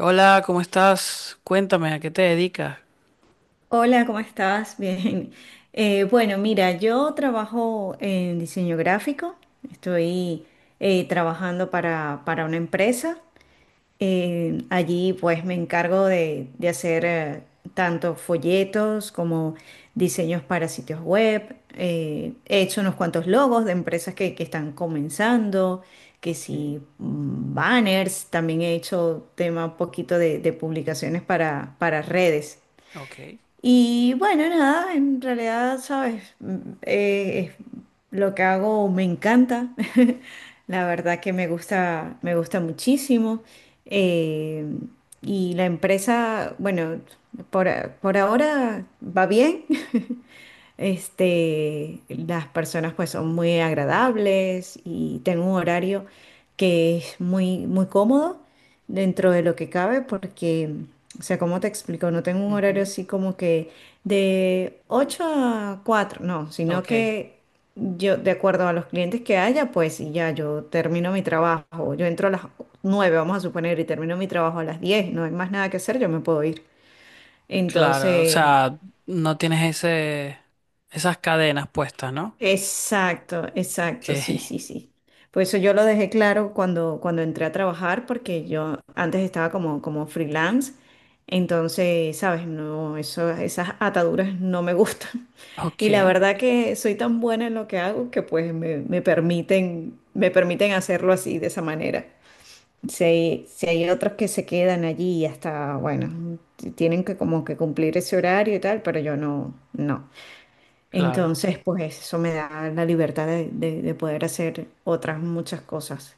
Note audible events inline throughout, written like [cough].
Hola, ¿cómo estás? Cuéntame, ¿a qué te dedicas? Hola, ¿cómo estás? [laughs] Bien. Bueno, mira, yo trabajo en diseño gráfico. Estoy trabajando para una empresa. Allí pues me encargo de hacer tanto folletos como diseños para sitios web. He hecho unos cuantos logos de empresas que están comenzando, que Ok. sí, banners. También he hecho tema un poquito de publicaciones para redes. Ok, Y bueno, nada, en realidad, sabes, lo que hago me encanta. [laughs] La verdad que me gusta muchísimo. Eh, y la empresa, bueno, por ahora va bien. [laughs] Las personas pues son muy agradables y tengo un horario que es muy, muy cómodo dentro de lo que cabe porque, o sea, ¿cómo te explico? No tengo un horario ujú, así como que de 8 a 4, no, sino ok, que yo, de acuerdo a los clientes que haya, pues y ya yo termino mi trabajo, yo entro a las 9, vamos a suponer, y termino mi trabajo a las 10, no hay más nada que hacer, yo me puedo ir. claro, o Entonces, sea, no tienes ese, esas cadenas puestas, ¿no? exacto, Ok, exacto, sí, sí, sí. Por eso yo lo dejé claro cuando entré a trabajar, porque yo antes estaba como freelance, entonces, sabes, no, eso, esas ataduras no me gustan. [laughs] [laughs] Y la ok, verdad que soy tan buena en lo que hago que pues me permiten hacerlo así, de esa manera. Si hay, si hay otros que se quedan allí y hasta, bueno, tienen que como que cumplir ese horario y tal, pero yo no, no. claro, Entonces, pues eso me da la libertad de poder hacer otras muchas cosas,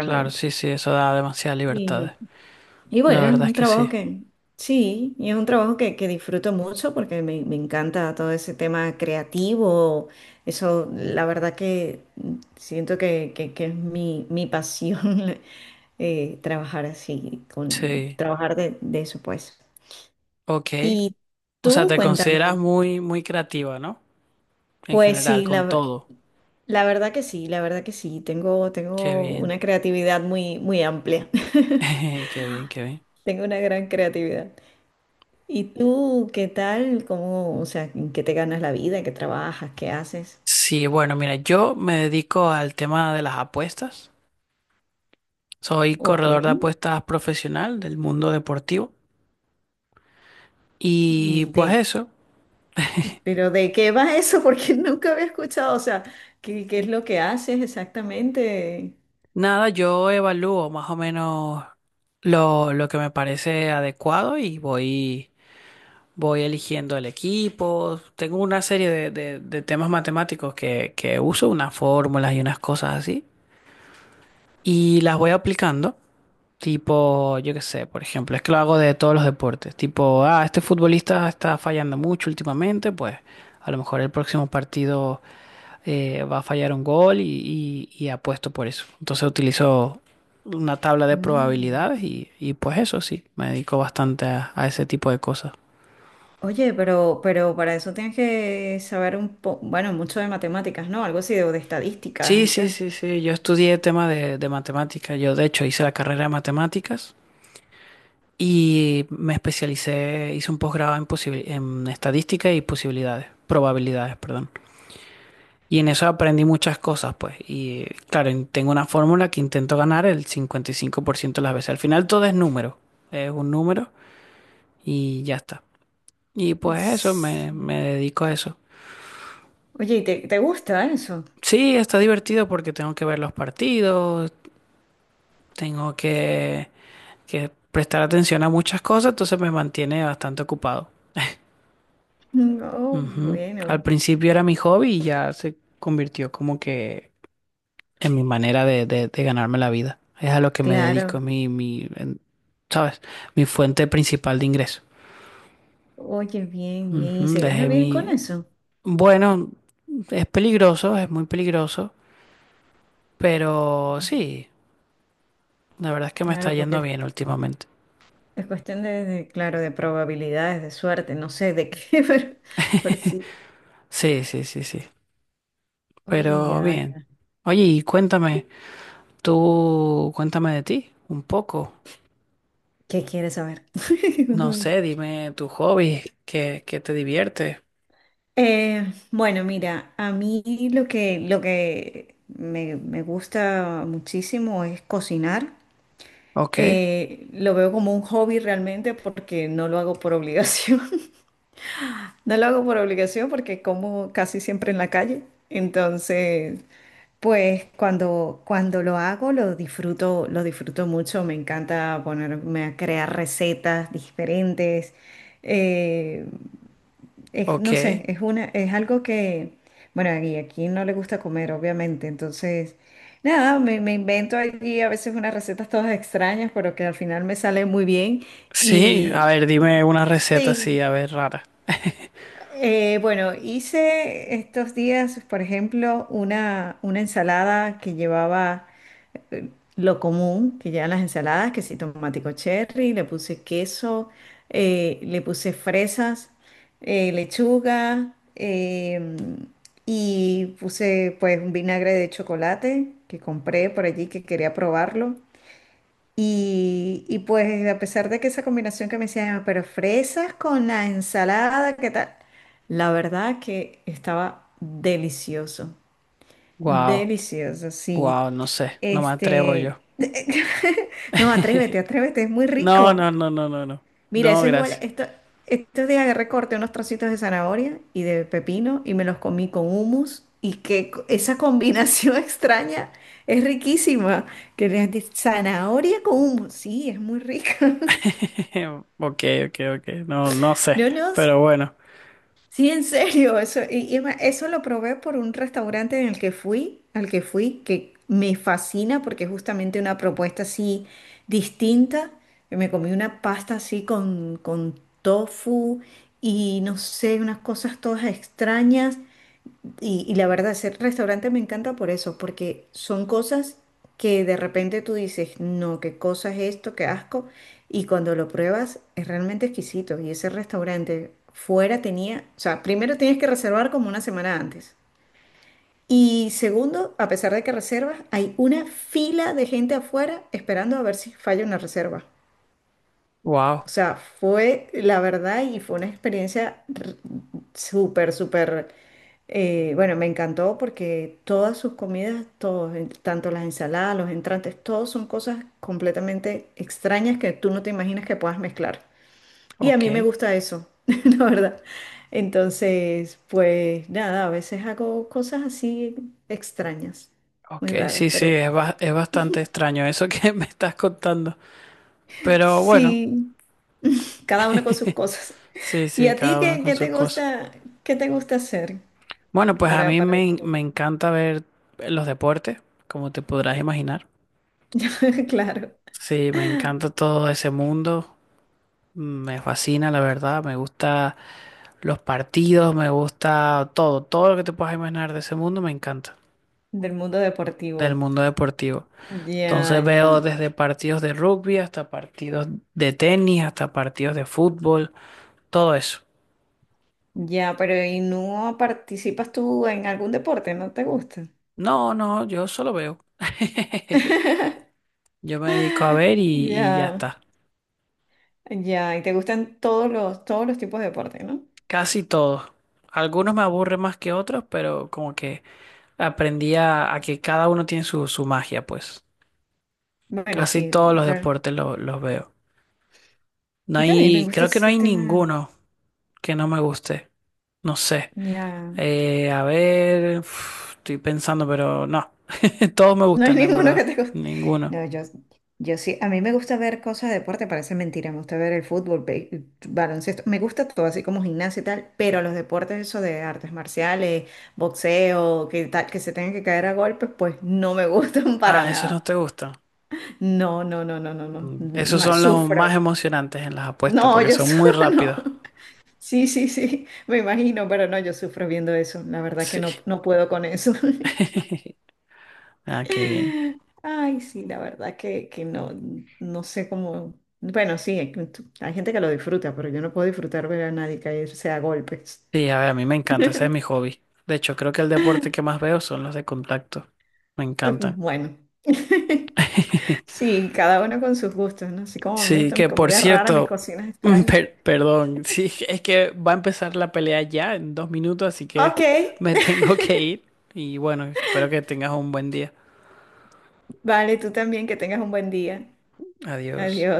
claro, sí, sí, eso da demasiadas Y, libertades, y la bueno, es verdad es un que trabajo sí, que, sí, y es un trabajo que disfruto mucho porque me encanta todo ese tema creativo. Eso, la verdad que siento que es mi, mi pasión. [laughs] Trabajar así, con, sí, trabajar de eso, pues. ok, Y o sea, tú, te consideras cuéntame. muy creativa, ¿no? En Pues general, sí, con todo, la verdad que sí, la verdad que sí. Tengo, qué tengo bien, una creatividad muy, muy amplia. [laughs] [laughs] qué bien, qué bien. Tengo una gran creatividad. ¿Y tú qué tal? ¿Cómo, o sea, en qué te ganas la vida? ¿Qué trabajas? ¿Qué haces? Sí, bueno, mira, yo me dedico al tema de las apuestas. Soy Ok. corredor de apuestas profesional del mundo deportivo. Y ¿Y pues de, eso, pero de qué va eso? [laughs] Porque nunca había escuchado, o sea, ¿qué, qué es lo que haces exactamente? nada, yo evalúo más o menos lo que me parece adecuado y voy, voy eligiendo el equipo. Tengo una serie de, de temas matemáticos que uso, unas fórmulas y unas cosas así. Y las voy aplicando. Tipo, yo qué sé, por ejemplo, es que lo hago de todos los deportes. Tipo, ah, este futbolista está fallando mucho últimamente, pues a lo mejor el próximo partido va a fallar un gol y apuesto por eso. Entonces utilizo una tabla de Mm. probabilidades y pues eso sí, me dedico bastante a ese tipo de cosas. Oye, pero para eso tienes que saber un poco, bueno, mucho de matemáticas, ¿no? Algo así de, o de estadísticas Sí, y sí, tal. sí, sí, yo estudié el tema de matemáticas, yo de hecho hice la carrera de matemáticas y me especialicé, hice un posgrado en, en estadística y posibilidades, probabilidades, perdón. Y en eso aprendí muchas cosas, pues. Y claro, tengo una fórmula que intento ganar el 55% de las veces. Al final todo es número, es un número y ya está. Y pues eso, me, Sí. me dedico a eso. Oye, ¿y ¿te, te gusta eso? Sí, está divertido porque tengo que ver los partidos, tengo que prestar atención a muchas cosas, entonces me mantiene bastante ocupado. Mm. Oh, Ujú. Al bueno, principio era mi hobby y ya se convirtió como que en mi manera de, de ganarme la vida. Es a lo que me dedico, claro. es mi, mi, ¿sabes? Mi fuente principal de ingreso. Oye, bien, bien. ¿Y Ujú, se gana dejé bien con mi... eso? Bueno, es peligroso, es muy peligroso. Pero Mm. sí, la verdad es que me está Claro, porque yendo bien últimamente. es cuestión de, claro, de probabilidades, de suerte, no sé de qué, [laughs] pero por sí. Sí, sí, sí, sí. Oye, Pero ya, bien. ya. Oye, y cuéntame, tú cuéntame de ti un poco. ¿Qué quieres saber? [laughs] No Justamente. sé, dime tu hobby, qué, qué te divierte. Bueno, mira, a mí lo que me gusta muchísimo es cocinar. Ok, Lo veo como un hobby realmente porque no lo hago por obligación. [laughs] No lo hago por obligación porque como casi siempre en la calle. Entonces, pues cuando lo hago lo disfruto mucho. Me encanta ponerme a crear recetas diferentes. Eh, no ok. sé, es es algo que, bueno, y aquí no le gusta comer, obviamente. Entonces, nada, me invento allí a veces unas recetas todas extrañas, pero que al final me salen muy bien. Sí, a Y ver, dime una receta sí. así, a ver, rara. Bueno, hice estos días, por ejemplo, una ensalada que llevaba lo común, que llevan las ensaladas, que sí, tomatico cherry, le puse queso, le puse fresas, lechuga, y puse pues un vinagre de chocolate que compré por allí que quería probarlo. Y pues a pesar de que esa combinación que me decían, "Ah, pero fresas con la ensalada, ¿qué tal?" La verdad que estaba delicioso, Wow, delicioso, sí. wow, no sé, no me atrevo yo. Este, [laughs] no, atrévete, atrévete, es muy No, rico. no, no, no, no, no. Mira, No, eso es igual, gracias. esto, estos días agarré, corté unos trocitos de zanahoria y de pepino y me los comí con hummus y esa combinación [laughs] extraña es riquísima, que le de zanahoria con hummus, sí, es muy rica. [laughs] [laughs] Ok, ok, ok. No, no sé, No, no, pero bueno. sí, en serio, eso, y es más, eso lo probé por un restaurante en el que fui, al que fui, que me fascina porque es justamente una propuesta así distinta. Me comí una pasta así con tofu y no sé, unas cosas todas extrañas. Y la verdad, ese restaurante me encanta por eso, porque son cosas que de repente tú dices, no, qué cosa es esto, qué asco, y cuando lo pruebas es realmente exquisito. Y ese restaurante fuera tenía, o sea, primero tienes que reservar como una semana antes. Y segundo, a pesar de que reservas, hay una fila de gente afuera esperando a ver si falla una reserva. O Wow, sea, fue la verdad y fue una experiencia súper, súper, bueno, me encantó porque todas sus comidas, todos, tanto las ensaladas, los entrantes, todos son cosas completamente extrañas que tú no te imaginas que puedas mezclar. Y a ok. mí me gusta eso, [laughs] la verdad. Entonces, pues nada, a veces hago cosas así extrañas, Ok, muy raras, sí, sí, pero es, es bastante extraño eso que [laughs] me estás contando. Pero bueno, sí. Cada uno con sus [laughs] cosas. sí, ¿Y sí, a ti cada uno qué, con sus cosas. Qué te gusta hacer Bueno, pues a mí para me, me disfrutar? encanta ver los deportes, como te podrás imaginar. [laughs] Claro, Sí, me encanta todo ese mundo. Me fascina, la verdad. Me gusta los partidos, me gusta todo. Todo lo que te puedas imaginar de ese mundo me encanta, del mundo del deportivo. mundo deportivo. Ya, Entonces ya, veo desde partidos de rugby hasta partidos de tenis, hasta partidos de fútbol. Todo eso. ya, pero ¿y no participas tú en algún deporte? ¿No te gusta? No, no, yo solo veo. [laughs] Yo me dedico a ver y ya Ya, está. ya, y te gustan todos los tipos de deporte, ¿no? Casi todos. Algunos me aburren más que otros, pero como que aprendí a que cada uno tiene su, su magia, pues. Bueno, Casi sí, todos los claro. deportes los veo. No Y también me hay, gusta creo que no ese hay tema. ninguno que no me guste. No sé. Ya. A ver, uf, estoy pensando, pero no. [laughs] Todos me ¿No hay [laughs] gustan, en ninguno verdad. que te guste? Ninguno. No, yo sí, a mí me gusta ver cosas de deporte, parece mentira, me gusta ver el fútbol, baloncesto, me gusta todo así como gimnasia y tal, pero los deportes eso de artes marciales, boxeo, que tal, que se tengan que caer a golpes, pues no me gustan [laughs] para Ah, esos no nada. te gustan. No, no, no, no, no, no. Esos son los Sufro. más emocionantes en las apuestas No, porque yo son muy sufro, [laughs] no. rápidos. Sí, sí, sí, me imagino, pero no, yo sufro viendo eso. La verdad que Sí. no, no puedo con eso. [laughs] [laughs] Ah, qué bien. Ay, sí, la verdad que no, no sé cómo. Bueno, sí, hay gente que lo disfruta, pero yo no puedo disfrutar ver a nadie caerse a golpes. Sí, a ver, a mí me encanta, ese es mi hobby. De hecho, creo que el deporte que más veo son los de contacto. Me encantan. Bueno. [laughs] [laughs] Sí, cada uno con sus gustos, ¿no? Así como a mí me Sí, gustan que mis por comidas raras, mis cierto, cocinas [laughs] extrañas. Perdón, sí, es que va a empezar la pelea ya en 2 minutos, así que Ok. me [laughs] [laughs] tengo que ir. Y bueno, espero que tengas un buen día. Vale, tú también, que tengas un buen día. Adiós. Adiós.